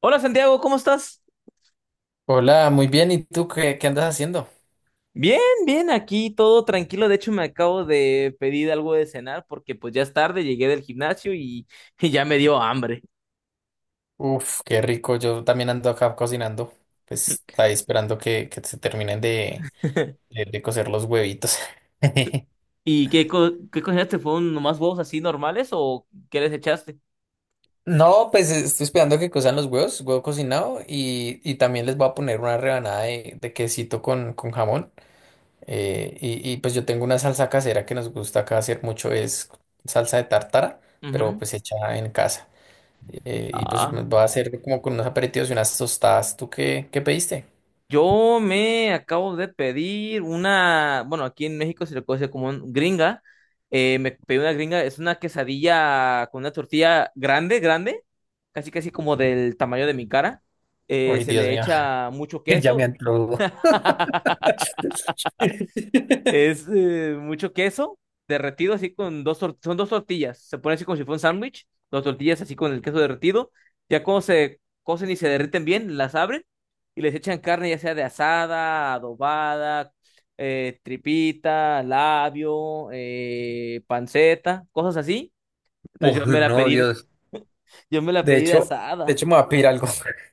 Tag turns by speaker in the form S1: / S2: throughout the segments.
S1: Hola Santiago, ¿cómo estás?
S2: Hola, muy bien. ¿Y tú qué, qué andas haciendo?
S1: Bien, bien, aquí todo tranquilo. De hecho, me acabo de pedir algo de cenar porque pues ya es tarde, llegué del gimnasio y, y ya me dio hambre.
S2: Uf, qué rico. Yo también ando acá cocinando. Pues ahí esperando que se terminen de, de, de cocer los huevitos.
S1: ¿Y qué, qué cocinaste? ¿Fueron nomás huevos así normales o qué les echaste?
S2: No, pues estoy esperando que cozan los huevos, huevo cocinado, y también les voy a poner una rebanada de quesito con jamón. Y pues yo tengo una salsa casera que nos gusta acá hacer mucho, es salsa de tártara, pero
S1: Ujú.
S2: pues hecha en casa. Y pues
S1: Ah,
S2: me voy a hacer como con unos aperitivos y unas tostadas. ¿Tú qué, qué pediste?
S1: Yo me acabo de pedir una, bueno, aquí en México se le conoce como un gringa. Me pedí una gringa, es una quesadilla con una tortilla grande, grande, casi casi como del tamaño de mi cara.
S2: Uy,
S1: Se
S2: Dios
S1: le
S2: mío.
S1: echa mucho queso. Es mucho queso derretido así con dos son dos tortillas. Se pone así como si fuera un sándwich, dos tortillas así con el queso derretido. Ya cuando se cocen y se derriten bien, las abren y les echan carne ya sea de asada, adobada, tripita, labio, panceta, cosas así. Entonces yo
S2: Uy,
S1: me la
S2: no,
S1: pedí,
S2: Dios.
S1: yo me la
S2: De
S1: pedí de
S2: hecho, de
S1: asada.
S2: hecho me voy a pedir algo.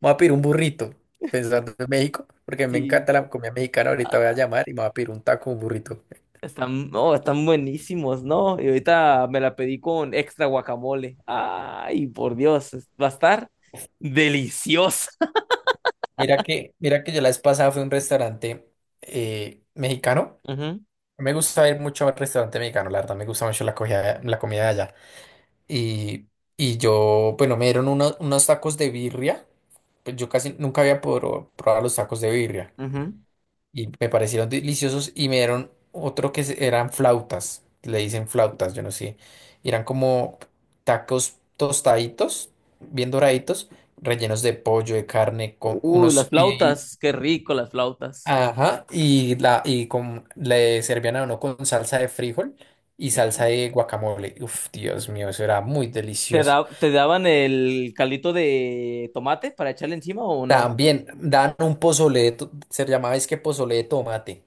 S2: Me voy a pedir un burrito, pensando en México, porque me
S1: Sí.
S2: encanta la comida mexicana. Ahorita voy a llamar y me voy a pedir un taco, un burrito.
S1: Están, no, están buenísimos, ¿no? Y ahorita me la pedí con extra guacamole. Ay, por Dios, va a estar deliciosa.
S2: Mira que yo la vez pasada fui a un restaurante mexicano.
S1: Ujú,
S2: No me gusta ir mucho al restaurante mexicano, la verdad. Me gusta mucho la comida de allá. Y, y yo, bueno, me dieron unos tacos de birria. Pues yo casi nunca había probado los tacos de birria.
S1: ujú.
S2: Y me parecieron deliciosos y me dieron otro que eran flautas, le dicen flautas, yo no sé, y eran como tacos tostaditos, bien doraditos, rellenos de pollo, de carne, con
S1: Uy, las
S2: unos y
S1: flautas, qué rico las flautas.
S2: ajá, y la y con le servían a uno con salsa de frijol y salsa
S1: Ujú.
S2: de guacamole. Uf, Dios mío, eso era muy delicioso.
S1: Te daban el caldito de tomate para echarle encima o no?
S2: También dan un pozole, de se llamaba es que pozole de tomate.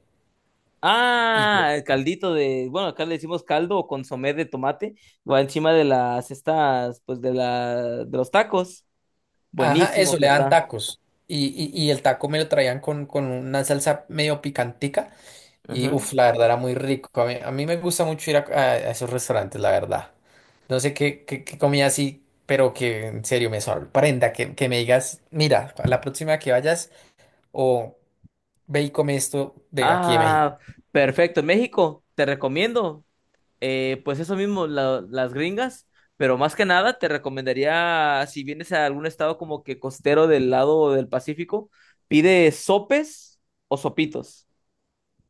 S1: Ah, el caldito de, bueno, acá le decimos caldo o consomé de tomate, va encima de las estas, pues de la, de los tacos.
S2: Ajá,
S1: Buenísimo
S2: eso,
S1: que
S2: le dan
S1: está.
S2: tacos. Y el taco me lo traían con una salsa medio picantica. Y uff,
S1: Ujú.
S2: la verdad era muy rico. A mí me gusta mucho ir a esos restaurantes, la verdad. No sé qué, qué comida así, pero que en serio me sorprenda. Que me digas, mira, a la próxima que vayas, o ve y come esto de aquí de México.
S1: Ah, perfecto. México, te recomiendo. Eh, pues eso mismo, las gringas, pero más que nada te recomendaría, si vienes a algún estado como que costero del lado del Pacífico, pide sopes o sopitos.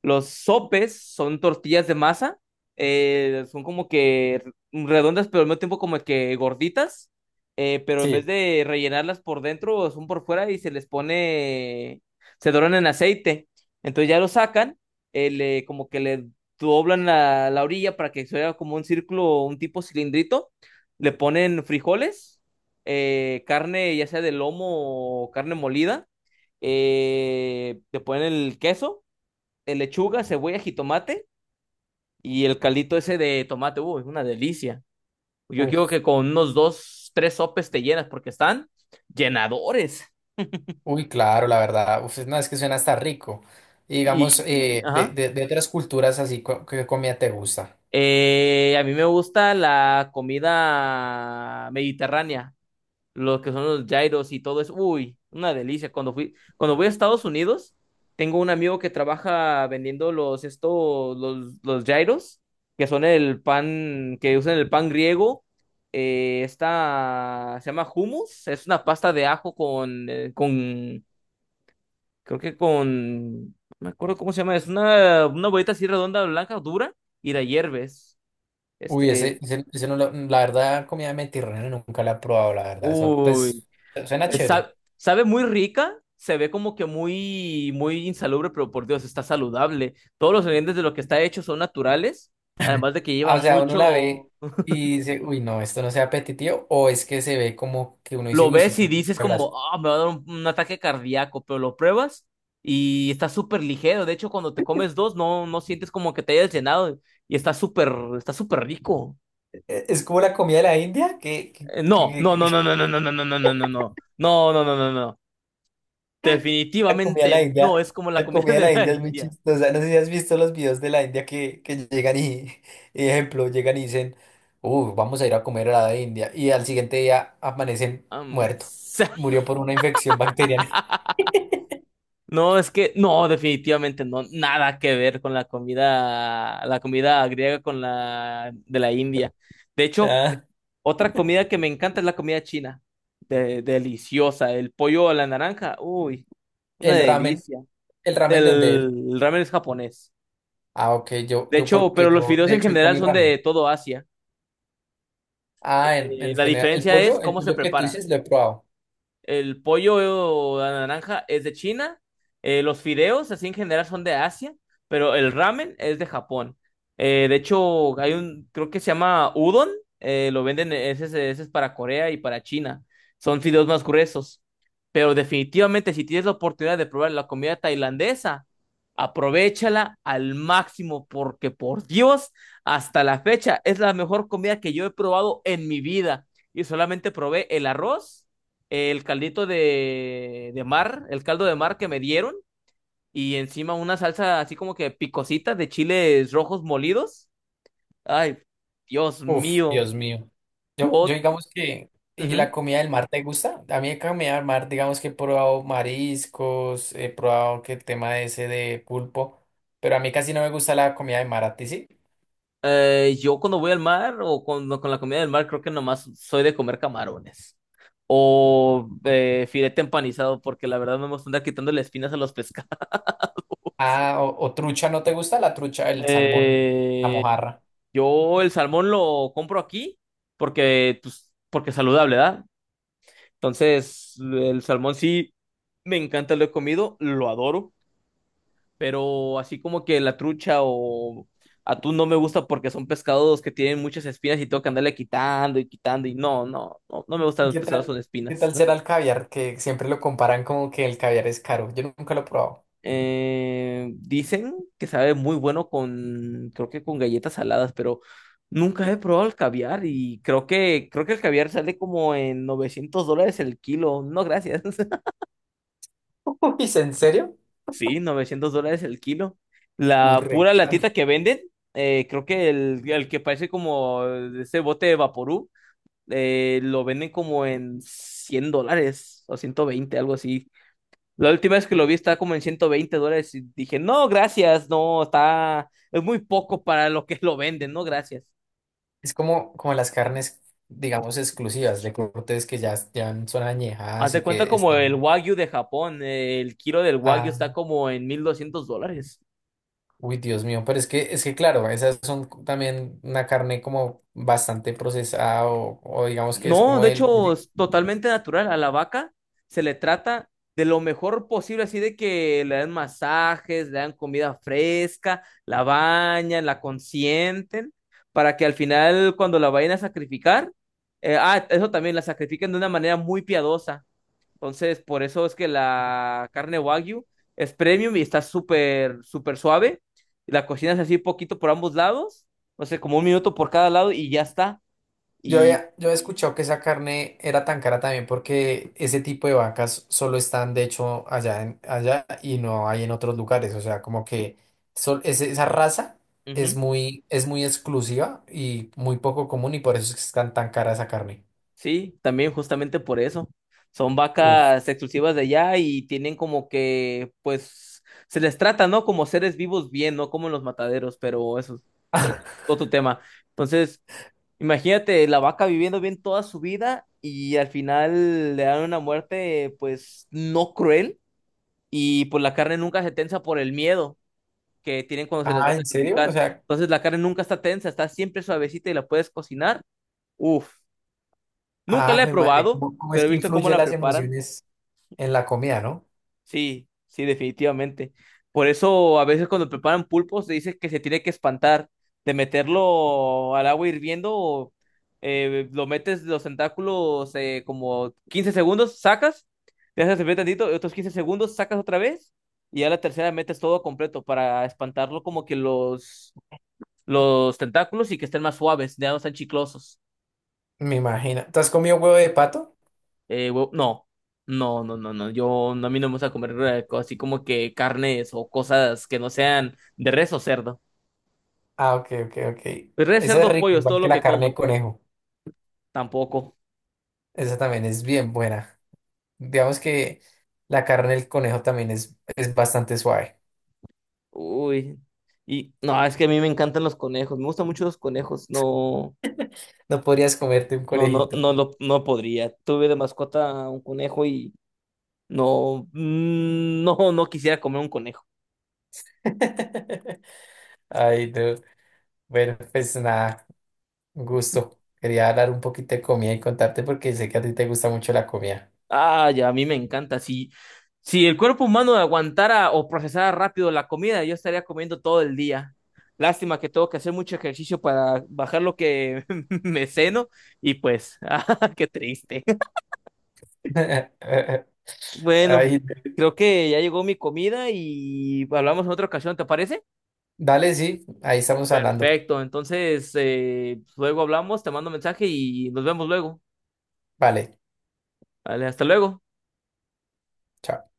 S1: Los sopes son tortillas de masa, son como que redondas, pero al mismo tiempo como que gorditas, pero en vez
S2: Sí,
S1: de rellenarlas por dentro, son por fuera y se les pone, se doran en aceite. Entonces ya lo sacan, como que le doblan la, la orilla para que se vea como un círculo, un tipo cilindrito, le ponen frijoles, carne ya sea de lomo o carne molida, le ponen el queso de lechuga, cebolla, jitomate y el caldito ese de tomate. Uy, es una delicia. Yo creo
S2: uf,
S1: que con unos dos, tres sopes te llenas porque están llenadores.
S2: uy, claro, la verdad. Uf, no, es que suena hasta rico. Y digamos,
S1: Y,
S2: eh, de,
S1: ajá.
S2: de, de otras culturas así, ¿qué comida te gusta?
S1: A mí me gusta la comida mediterránea. Los que son los gyros y todo eso. Uy, una delicia. Cuando fui, cuando voy a Estados Unidos, tengo un amigo que trabaja vendiendo los estos, los gyros, que son el pan, que usan el pan griego. Esta se llama hummus, es una pasta de ajo con, creo que con, no me acuerdo cómo se llama, es una bolita así redonda, blanca, dura, y la hierves.
S2: Uy, ese,
S1: Este,
S2: ese, ese no, la verdad, comida mediterránea nunca la he probado, la verdad. Eso,
S1: uy,
S2: pues, suena chévere.
S1: Sabe muy rica, se ve como que muy, muy insalubre, pero por Dios, está saludable. Todos los ingredientes de lo que está hecho son naturales, además de que lleva
S2: Ah, o sea, uno la
S1: mucho...
S2: ve y dice, uy, no, esto no sea apetitivo, o es que se ve como que uno dice,
S1: Lo
S2: uy, esto
S1: ves y
S2: tiene
S1: dices
S2: mucha grasa.
S1: como, ah, me va a dar un ataque cardíaco, pero lo pruebas y está súper ligero. De hecho, cuando te comes dos, no, no sientes como que te hayas llenado y está súper rico.
S2: Es como la comida de la India, que, que- que-
S1: No,
S2: que-
S1: no,
S2: que
S1: no, no, no, no, no, no, no, no, no, no, no, no, no, no, no, no.
S2: la comida de la
S1: Definitivamente no
S2: India,
S1: es como la
S2: la
S1: comida
S2: comida de
S1: de
S2: la
S1: la
S2: India es muy
S1: India.
S2: chistosa. No sé si has visto los videos de la India que llegan y, y, ejemplo, llegan y dicen, uy, vamos a ir a comer a la India, y al siguiente día amanecen
S1: Am,
S2: muerto, murió por una infección bacteriana.
S1: no, es que no, definitivamente no, nada que ver con la comida griega con la de la India. De hecho,
S2: Ah,
S1: otra comida que me encanta es la comida china. Deliciosa, el pollo a la naranja, uy, una
S2: el ramen,
S1: delicia.
S2: el ramen de dónde es.
S1: El ramen es japonés.
S2: Ah, ok, yo,
S1: De
S2: yo
S1: hecho,
S2: porque
S1: pero los
S2: yo
S1: fideos
S2: de
S1: en
S2: hecho
S1: general
S2: comí
S1: son
S2: ramen.
S1: de todo Asia.
S2: Ah, en
S1: La
S2: general,
S1: diferencia es
S2: el
S1: cómo se
S2: pollo que tú
S1: prepara.
S2: dices lo he probado.
S1: El pollo a la naranja es de China. Eh, los fideos, así en general, son de Asia. Pero el ramen es de Japón. De hecho, hay un, creo que se llama udon. Eh, lo venden, e, ese, ese es para Corea y para China. Son fideos más gruesos. Pero definitivamente, si tienes la oportunidad de probar la comida tailandesa, aprovéchala al máximo, porque por Dios, hasta la fecha es la mejor comida que yo he probado en mi vida. Y solamente probé el arroz el caldito de mar, el caldo de mar que me dieron, y encima una salsa así como que picosita de chiles rojos molidos. Ay, Dios
S2: Uf,
S1: mío,
S2: Dios mío. Yo
S1: yo,
S2: digamos que, ¿y la
S1: ujú.
S2: comida del mar te gusta? A mí la comida del mar, digamos que he probado mariscos, he probado que el tema ese de pulpo, pero a mí casi no me gusta la comida de mar, ¿a ti sí?
S1: Yo cuando voy al mar o cuando, con la comida del mar, creo que nomás soy de comer camarones o filete empanizado, porque la verdad no me gusta andar quitándole espinas a los pescados.
S2: Ah, o trucha, ¿no te gusta la trucha, el salmón, la
S1: Eh,
S2: mojarra?
S1: yo el salmón lo compro aquí porque, pues, porque es saludable, ¿verdad? Entonces, el salmón sí me encanta, lo he comido, lo adoro, pero así como que la trucha o atún no me gusta porque son pescados que tienen muchas espinas y tengo que andarle quitando y quitando y no, no, no, no me gustan los
S2: ¿Qué
S1: pescados
S2: tal?
S1: con
S2: ¿Qué
S1: espinas.
S2: tal será el caviar? Que siempre lo comparan como que el caviar es caro. Yo nunca lo he probado.
S1: Dicen que sabe muy bueno con, creo que con galletas saladas, pero nunca he probado el caviar y creo que el caviar sale como en 900 dólares el kilo. No, gracias.
S2: Uy, ¿es en serio?
S1: Sí, 900 dólares el kilo.
S2: Uy,
S1: La
S2: re
S1: pura
S2: caro.
S1: latita que venden, creo que el que parece como ese bote de Vaporú, lo venden como en 100 dólares o 120, algo así. La última vez que lo vi estaba como en 120 dólares y dije, no, gracias, no, está, es muy poco para lo que lo venden, no, gracias.
S2: Es como, como las carnes, digamos, exclusivas de cortes que ya, ya son
S1: Haz
S2: añejadas
S1: de
S2: y
S1: cuenta
S2: que
S1: como el
S2: están...
S1: Wagyu de Japón, el kilo del Wagyu
S2: Ah,
S1: está como en 1.200 dólares.
S2: uy, Dios mío. Pero es que claro, esas son también una carne como bastante procesada o digamos que es
S1: No,
S2: como
S1: de
S2: el...
S1: hecho, es totalmente natural. A la vaca se le trata de lo mejor posible, así de que le dan masajes, le dan comida fresca, la bañan, la consienten, para que al final, cuando la vayan a sacrificar, eso también, la sacrifican de una manera muy piadosa. Entonces, por eso es que la carne Wagyu es premium y está súper, súper suave. La cocinas así poquito por ambos lados, no sé, como un minuto por cada lado y ya está.
S2: Yo
S1: Y.
S2: había, yo he escuchado que esa carne era tan cara también porque ese tipo de vacas solo están de hecho allá, allá y no hay en otros lugares. O sea, como que esa raza
S1: Ujú.
S2: es muy exclusiva y muy poco común y por eso es que están tan cara esa carne.
S1: Sí, también justamente por eso. Son
S2: Uf.
S1: vacas exclusivas de allá y tienen como que, pues, se les trata, ¿no? Como seres vivos bien, no como en los mataderos, pero eso es otro tema. Entonces, imagínate la vaca viviendo bien toda su vida y al final le dan una muerte, pues, no cruel y pues la carne nunca se tensa por el miedo que tienen cuando se les va
S2: Ah,
S1: a
S2: ¿en serio? O
S1: sacrificar.
S2: sea,
S1: Entonces, la carne nunca está tensa, está siempre suavecita y la puedes cocinar. Uf, nunca
S2: ah,
S1: la he
S2: mi madre,
S1: probado,
S2: ¿cómo, cómo es
S1: pero he
S2: que
S1: visto cómo
S2: influye
S1: la
S2: las
S1: preparan.
S2: emociones en la comida, no?
S1: Sí, sí, definitivamente. Por eso a veces cuando preparan pulpos se dice que se tiene que espantar de meterlo al agua hirviendo, lo metes los tentáculos como 15 segundos, sacas, te haces servir tantito, y otros 15 segundos, sacas otra vez y ya la tercera metes todo completo para espantarlo como que los tentáculos y que estén más suaves, ya no están chiclosos.
S2: Me imagino. ¿Tú has comido huevo de pato?
S1: No, no, no, no, no. Yo no, a mí no me gusta comer así como que carnes o cosas que no sean de res o cerdo.
S2: Ah, ok, ok, ok.
S1: Pues res,
S2: Esa es
S1: cerdo,
S2: rica,
S1: pollo es todo
S2: igual que
S1: lo
S2: la
S1: que
S2: carne de
S1: como.
S2: conejo.
S1: Tampoco.
S2: Esa también es bien buena. Digamos que la carne del conejo también es bastante suave.
S1: Uy. Y no, es que a mí me encantan los conejos. Me gustan mucho los conejos. No,
S2: No podrías comerte un
S1: no, no,
S2: conejito.
S1: no, no podría. Tuve de mascota un conejo y no, no, no quisiera comer un conejo.
S2: Ay, no. Bueno, pues nada, un gusto. Quería hablar un poquito de comida y contarte porque sé que a ti te gusta mucho la comida.
S1: Ah, ya, a mí me encanta. Si, si el cuerpo humano aguantara o procesara rápido la comida, yo estaría comiendo todo el día. Lástima que tengo que hacer mucho ejercicio para bajar lo que me ceno y pues, ah, qué triste. Bueno,
S2: Ay,
S1: creo que ya llegó mi comida y hablamos en otra ocasión, ¿te parece?
S2: dale, sí, ahí estamos hablando.
S1: Perfecto, entonces luego hablamos, te mando mensaje y nos vemos luego.
S2: Vale.
S1: Vale, hasta luego.
S2: Chao.